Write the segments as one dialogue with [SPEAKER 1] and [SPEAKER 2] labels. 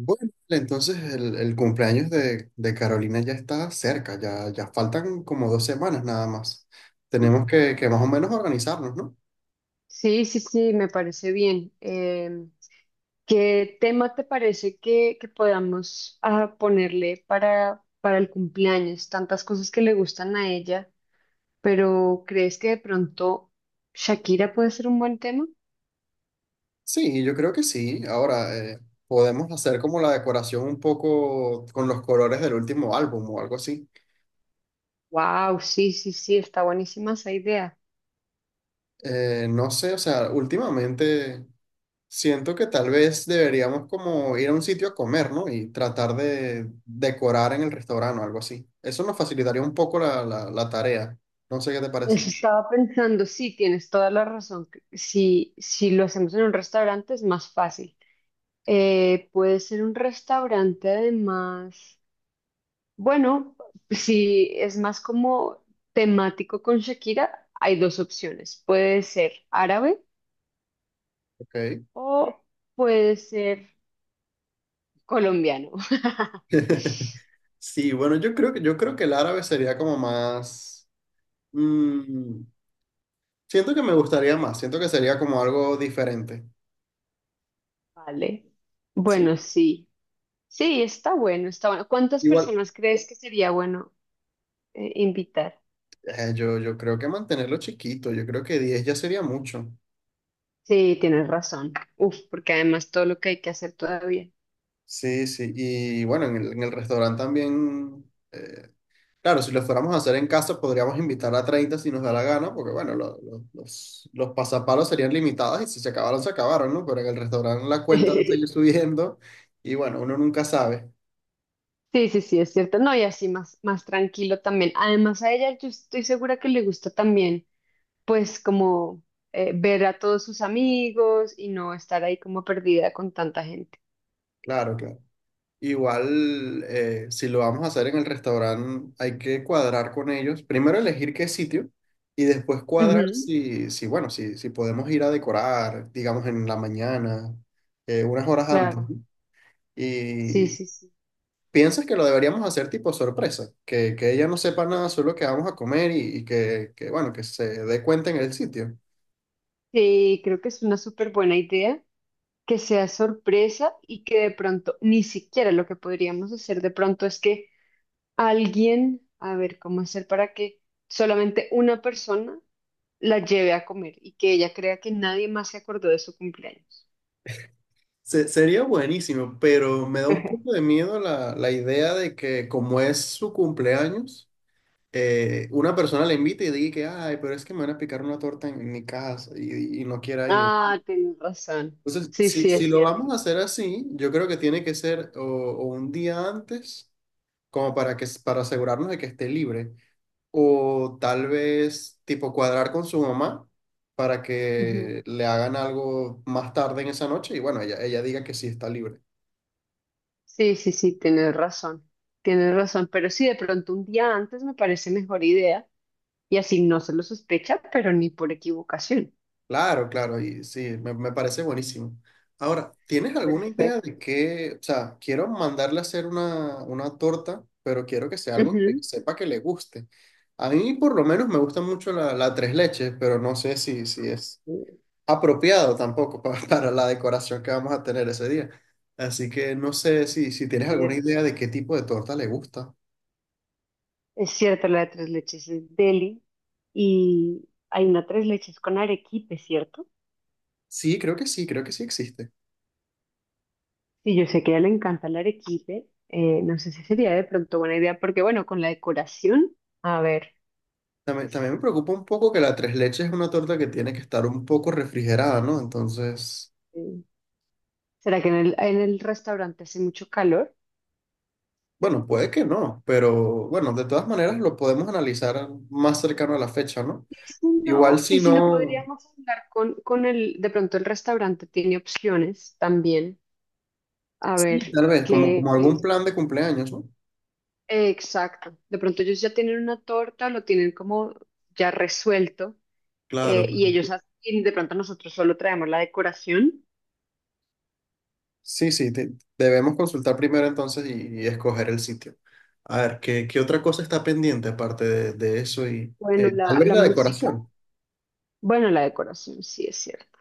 [SPEAKER 1] Bueno, entonces el cumpleaños de Carolina ya está cerca, ya faltan como 2 semanas nada más. Tenemos que más o menos organizarnos, ¿no?
[SPEAKER 2] Sí, sí, sí, me parece bien. ¿Qué tema te parece que podamos ponerle para el cumpleaños? Tantas cosas que le gustan a ella, pero ¿crees que de pronto Shakira puede ser un buen tema?
[SPEAKER 1] Sí, yo creo que sí. Ahora, podemos hacer como la decoración un poco con los colores del último álbum o algo así.
[SPEAKER 2] Wow, sí, sí, sí, está buenísima esa idea.
[SPEAKER 1] No sé, o sea, últimamente siento que tal vez deberíamos como ir a un sitio a comer, ¿no? Y tratar de decorar en el restaurante o algo así. Eso nos facilitaría un poco la tarea. No sé qué te parece.
[SPEAKER 2] Eso estaba pensando, sí, tienes toda la razón. Que Si lo hacemos en un restaurante es más fácil. Puede ser un restaurante además. Bueno, si es más como temático con Shakira, hay dos opciones. Puede ser árabe
[SPEAKER 1] Ok.
[SPEAKER 2] o puede ser colombiano.
[SPEAKER 1] Sí, bueno, yo creo que el árabe sería como más... mm, siento que me gustaría más, siento que sería como algo diferente.
[SPEAKER 2] Vale. Bueno,
[SPEAKER 1] Sí,
[SPEAKER 2] sí. Sí, está bueno, está bueno. ¿Cuántas
[SPEAKER 1] igual.
[SPEAKER 2] personas crees que sería bueno invitar?
[SPEAKER 1] Yo creo que mantenerlo chiquito, yo creo que 10 ya sería mucho.
[SPEAKER 2] Sí, tienes razón. Uf, porque además todo lo que hay que hacer todavía.
[SPEAKER 1] Sí, sí, y bueno, en en el restaurante también eh, claro, si lo fuéramos a hacer en casa, podríamos invitar a 30 si nos da la gana, porque bueno, los pasapalos serían limitados y si se acabaron, se acabaron, ¿no? Pero en el restaurante la cuenta va a seguir subiendo y bueno, uno nunca sabe.
[SPEAKER 2] Sí, sí, sí, es cierto. No, y así más, más tranquilo también. Además, a ella yo estoy segura que le gusta también, pues como ver a todos sus amigos y no estar ahí como perdida con tanta gente.
[SPEAKER 1] Claro, claro. Igual, si lo vamos a hacer en el restaurante, hay que cuadrar con ellos. Primero elegir qué sitio y después cuadrar
[SPEAKER 2] Ujú,
[SPEAKER 1] si podemos ir a decorar, digamos, en la mañana, unas horas antes,
[SPEAKER 2] claro,
[SPEAKER 1] ¿no?
[SPEAKER 2] sí,
[SPEAKER 1] Y
[SPEAKER 2] sí, sí.
[SPEAKER 1] ¿piensas que lo deberíamos hacer tipo sorpresa? Que ella no sepa nada, solo que vamos a comer y bueno, que se dé cuenta en el sitio.
[SPEAKER 2] Sí, creo que es una súper buena idea que sea sorpresa y que de pronto, ni siquiera, lo que podríamos hacer de pronto es que alguien, a ver, ¿cómo hacer para que solamente una persona la lleve a comer y que ella crea que nadie más se acordó de su cumpleaños?
[SPEAKER 1] Sería buenísimo, pero me da un poco de miedo la idea de que como es su cumpleaños, una persona la invite y diga que, ay, pero es que me van a picar una torta en mi casa y no quiera ir.
[SPEAKER 2] Ah, tienes razón.
[SPEAKER 1] Entonces,
[SPEAKER 2] Sí, sí,
[SPEAKER 1] si
[SPEAKER 2] es
[SPEAKER 1] lo vamos
[SPEAKER 2] cierto.
[SPEAKER 1] a hacer así, yo creo que tiene que ser o un día antes, como para para asegurarnos de que esté libre. O tal vez tipo cuadrar con su mamá para
[SPEAKER 2] Ujú.
[SPEAKER 1] que le hagan algo más tarde en esa noche y bueno, ella diga que sí está libre.
[SPEAKER 2] Sí, sí, sí, tienes razón, pero sí, de pronto un día antes me parece mejor idea y así no se lo sospecha, pero ni por equivocación.
[SPEAKER 1] Claro, claro, y sí, me parece buenísimo. Ahora, ¿tienes alguna idea
[SPEAKER 2] Perfecto.
[SPEAKER 1] de qué? O sea, quiero mandarle a hacer una torta, pero quiero que sea algo que
[SPEAKER 2] Ujú.
[SPEAKER 1] sepa que le guste. A mí por lo menos me gusta mucho la tres leches, pero no sé si es
[SPEAKER 2] Perfecto.
[SPEAKER 1] apropiado tampoco para la decoración que vamos a tener ese día. Así que no sé si tienes alguna idea
[SPEAKER 2] Cierto.
[SPEAKER 1] de qué tipo de torta le gusta.
[SPEAKER 2] Es cierto, la de tres leches es deli y hay una tres leches con arequipe, ¿cierto?
[SPEAKER 1] Sí, creo que sí, creo que sí existe.
[SPEAKER 2] Sí, yo sé que a ella le encanta el arequipe. No sé si sería de pronto buena idea, porque bueno, con la decoración, a ver,
[SPEAKER 1] También, también me preocupa un poco que la tres leches es una torta que tiene que estar un poco refrigerada, ¿no? Entonces,
[SPEAKER 2] eh, ¿será que en el restaurante hace mucho calor?
[SPEAKER 1] bueno, puede que no, pero bueno, de todas maneras lo podemos analizar más cercano a la fecha, ¿no?
[SPEAKER 2] Si
[SPEAKER 1] Igual
[SPEAKER 2] no, y
[SPEAKER 1] si
[SPEAKER 2] si no
[SPEAKER 1] no,
[SPEAKER 2] podríamos hablar con el, de pronto el restaurante tiene opciones también. A
[SPEAKER 1] sí,
[SPEAKER 2] ver,
[SPEAKER 1] tal vez, como,
[SPEAKER 2] qué
[SPEAKER 1] como algún plan de cumpleaños, ¿no?
[SPEAKER 2] exacto. De pronto ellos ya tienen una torta, lo tienen como ya resuelto,
[SPEAKER 1] Claro.
[SPEAKER 2] y ellos hacen, y de pronto nosotros solo traemos la decoración.
[SPEAKER 1] Sí, sí, debemos consultar primero entonces y escoger el sitio. A ver, ¿qué otra cosa está pendiente aparte de eso y
[SPEAKER 2] Bueno,
[SPEAKER 1] tal
[SPEAKER 2] la,
[SPEAKER 1] vez
[SPEAKER 2] la
[SPEAKER 1] la
[SPEAKER 2] música.
[SPEAKER 1] decoración?
[SPEAKER 2] Bueno, la decoración, sí, es cierto.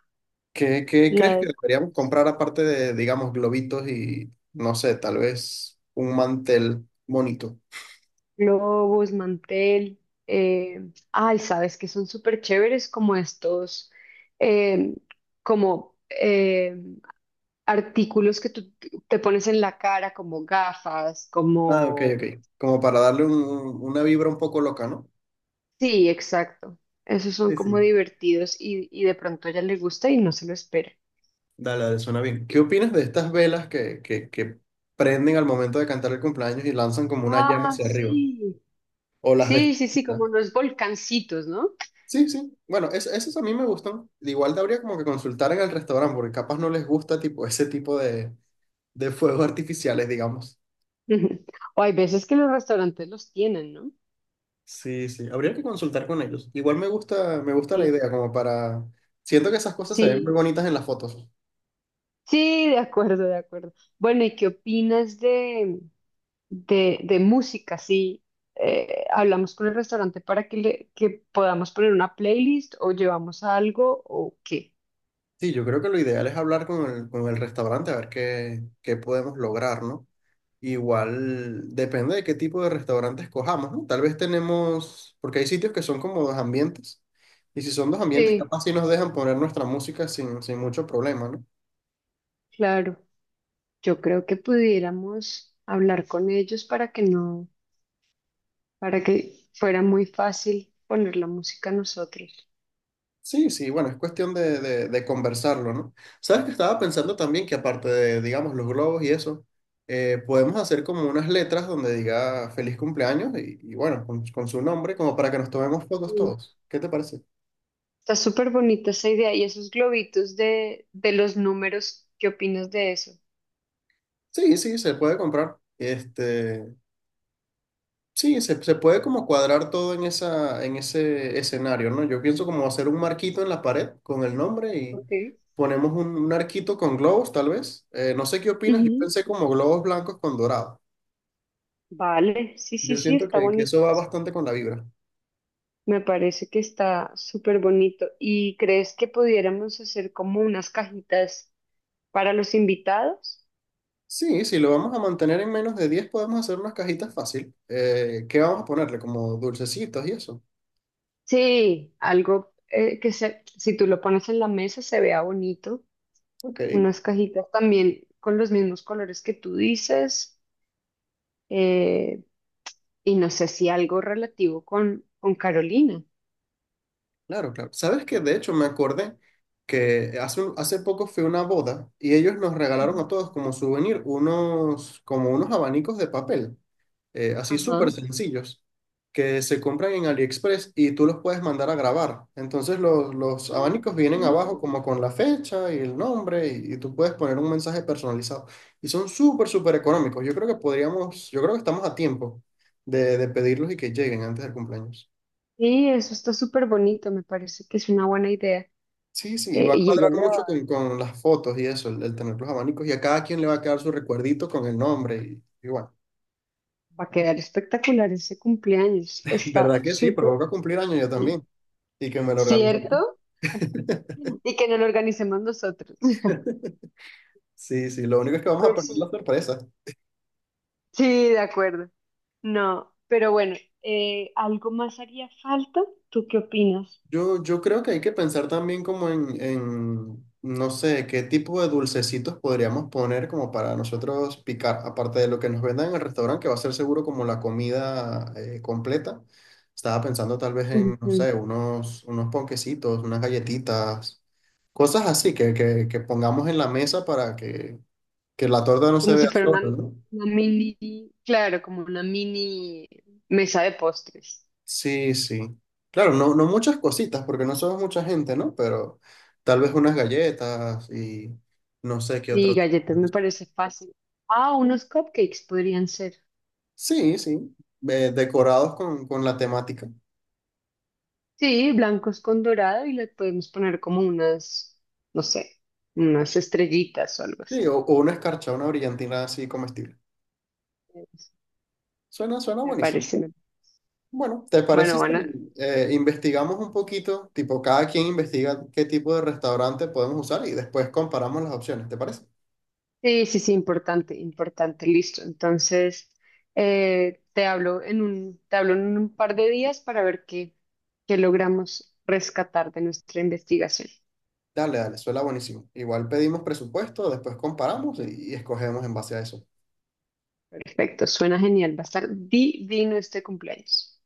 [SPEAKER 1] ¿Qué
[SPEAKER 2] La
[SPEAKER 1] crees que
[SPEAKER 2] decoración,
[SPEAKER 1] deberíamos comprar aparte de, digamos, globitos y, no sé, tal vez un mantel bonito?
[SPEAKER 2] globos, mantel. Ay, sabes que son súper chéveres como estos, eh, como artículos que tú te pones en la cara, como gafas,
[SPEAKER 1] Ah, ok,
[SPEAKER 2] como...
[SPEAKER 1] ok. Como para una vibra un poco loca, ¿no?
[SPEAKER 2] Sí, exacto. Esos son
[SPEAKER 1] Sí,
[SPEAKER 2] como
[SPEAKER 1] sí.
[SPEAKER 2] divertidos y de pronto a ella le gusta y no se lo espera.
[SPEAKER 1] Dale, dale, suena bien. ¿Qué opinas de estas velas que prenden al momento de cantar el cumpleaños y lanzan como una llama
[SPEAKER 2] Ah,
[SPEAKER 1] hacia arriba?
[SPEAKER 2] sí.
[SPEAKER 1] O las de...
[SPEAKER 2] Sí, sí, sí, como unos volcancitos, ¿no?
[SPEAKER 1] Sí, sí. Bueno, esos a mí me gustan. Igual habría como que consultar en el restaurante, porque capaz no les gusta tipo ese tipo de fuegos artificiales, digamos.
[SPEAKER 2] O hay veces que los restaurantes los tienen, ¿no?
[SPEAKER 1] Sí, sí. Habría que consultar con ellos. Igual me gusta la
[SPEAKER 2] Sí.
[SPEAKER 1] idea, como para. Siento que esas cosas se ven muy
[SPEAKER 2] Sí.
[SPEAKER 1] bonitas en las fotos.
[SPEAKER 2] Sí, de acuerdo, de acuerdo. Bueno, ¿y qué opinas de, de música? Sí, hablamos con el restaurante para que podamos poner una playlist o llevamos algo o qué.
[SPEAKER 1] Sí, yo creo que lo ideal es hablar con con el restaurante a ver qué podemos lograr, ¿no? Igual depende de qué tipo de restaurante escojamos, ¿no? Tal vez tenemos, porque hay sitios que son como dos ambientes, y si son dos ambientes,
[SPEAKER 2] Sí,
[SPEAKER 1] capaz sí nos dejan poner nuestra música sin mucho problema, ¿no?
[SPEAKER 2] claro. Yo creo que pudiéramos hablar con ellos para que no, para que fuera muy fácil poner la música nosotros.
[SPEAKER 1] Sí, sí, bueno, es cuestión de conversarlo, ¿no? Sabes que estaba pensando también que aparte de, digamos, los globos y eso, podemos hacer como unas letras donde diga feliz cumpleaños y bueno, con su nombre, como para que nos tomemos fotos
[SPEAKER 2] Mm,
[SPEAKER 1] todos. ¿Qué te parece?
[SPEAKER 2] está súper bonita esa idea. Y esos globitos de los números, ¿qué opinas de eso?
[SPEAKER 1] Sí, sí, se puede comprar. Este, sí, se puede como cuadrar todo en en ese escenario, ¿no? Yo pienso como hacer un marquito en la pared con el nombre y
[SPEAKER 2] Ok.
[SPEAKER 1] ponemos un arquito con globos, tal vez. No sé qué opinas, yo pensé como globos blancos con dorado.
[SPEAKER 2] Vale, sí, sí,
[SPEAKER 1] Yo
[SPEAKER 2] sí,
[SPEAKER 1] siento
[SPEAKER 2] está
[SPEAKER 1] que
[SPEAKER 2] bonito.
[SPEAKER 1] eso va bastante con la vibra.
[SPEAKER 2] Me parece que está súper bonito. ¿Y crees que pudiéramos hacer como unas cajitas para los invitados?
[SPEAKER 1] Sí, si lo vamos a mantener en menos de 10 podemos hacer unas cajitas fácil. ¿Qué vamos a ponerle? Como dulcecitos y eso.
[SPEAKER 2] Sí, algo que se, si tú lo pones en la mesa se vea bonito.
[SPEAKER 1] Ok,
[SPEAKER 2] Unas cajitas también con los mismos colores que tú dices, eh, y no sé si algo relativo con Carolina.
[SPEAKER 1] claro, claro. ¿Sabes qué? De hecho, me acordé que hace poco fue una boda y ellos nos regalaron
[SPEAKER 2] Ujú.
[SPEAKER 1] a todos como souvenir unos, como unos abanicos de papel. Así súper
[SPEAKER 2] Ajá.
[SPEAKER 1] sencillos, que se compran en AliExpress y tú los puedes mandar a grabar. Entonces los
[SPEAKER 2] Ah,
[SPEAKER 1] abanicos
[SPEAKER 2] qué
[SPEAKER 1] vienen abajo
[SPEAKER 2] bonito.
[SPEAKER 1] como con la fecha y el nombre y tú puedes poner un mensaje personalizado. Y son súper, súper económicos. Yo creo que podríamos, yo creo que estamos a tiempo de pedirlos y que lleguen antes del cumpleaños.
[SPEAKER 2] Sí, eso está súper bonito, me parece que es una buena idea.
[SPEAKER 1] Sí, sí, y va a
[SPEAKER 2] Y ella
[SPEAKER 1] cuadrar
[SPEAKER 2] le
[SPEAKER 1] mucho con las fotos y eso, el tener los abanicos y a cada quien le va a quedar su recuerdito con el nombre y bueno,
[SPEAKER 2] Va a quedar espectacular ese cumpleaños. Está
[SPEAKER 1] ¿verdad que sí? Porque
[SPEAKER 2] súper
[SPEAKER 1] voy a cumplir años yo
[SPEAKER 2] bien.
[SPEAKER 1] también y que me lo organice.
[SPEAKER 2] ¿Cierto? Y que no lo organicemos nosotros.
[SPEAKER 1] Sí, sí, lo único es que vamos a
[SPEAKER 2] Pues
[SPEAKER 1] perder la
[SPEAKER 2] sí.
[SPEAKER 1] sorpresa.
[SPEAKER 2] Sí, de acuerdo. No, pero bueno, ¿algo más haría falta? ¿Tú qué opinas?
[SPEAKER 1] Yo creo que hay que pensar también como en, no sé, qué tipo de dulcecitos podríamos poner como para nosotros picar, aparte de lo que nos vendan en el restaurante, que va a ser seguro como la comida completa. Estaba pensando tal vez en, no
[SPEAKER 2] Ujú.
[SPEAKER 1] sé, unos ponquecitos, unas galletitas, cosas así que pongamos en la mesa para que la torta no se
[SPEAKER 2] Como
[SPEAKER 1] vea
[SPEAKER 2] si fuera
[SPEAKER 1] sola, ¿no?
[SPEAKER 2] una mini, claro, como una mini mesa de postres.
[SPEAKER 1] Sí, sí. Claro, no, no muchas cositas, porque no somos mucha gente, ¿no? Pero tal vez unas galletas y no sé qué
[SPEAKER 2] Y
[SPEAKER 1] otro tipo
[SPEAKER 2] galletas
[SPEAKER 1] de
[SPEAKER 2] me
[SPEAKER 1] cosas.
[SPEAKER 2] parece fácil. Ah, unos cupcakes podrían ser.
[SPEAKER 1] Sí, sí. Eh, decorados con la temática.
[SPEAKER 2] Sí, blancos con dorado y le podemos poner como unas, no sé, unas estrellitas o algo así.
[SPEAKER 1] Sí, o una escarcha, una brillantina así comestible.
[SPEAKER 2] Eso,
[SPEAKER 1] Suena, suena
[SPEAKER 2] me
[SPEAKER 1] buenísimo.
[SPEAKER 2] parece.
[SPEAKER 1] Bueno, ¿te parece
[SPEAKER 2] Bueno,
[SPEAKER 1] si
[SPEAKER 2] van a-
[SPEAKER 1] investigamos un poquito? Tipo, cada quien investiga qué tipo de restaurante podemos usar y después comparamos las opciones, ¿te parece?
[SPEAKER 2] Sí, sí, sí, importante, importante, listo. Entonces, te hablo en un par de días para ver qué logramos rescatar de nuestra investigación.
[SPEAKER 1] Dale, dale, suena buenísimo. Igual pedimos presupuesto, después comparamos y escogemos en base a eso.
[SPEAKER 2] Perfecto, suena genial. Va a estar divino este cumpleaños.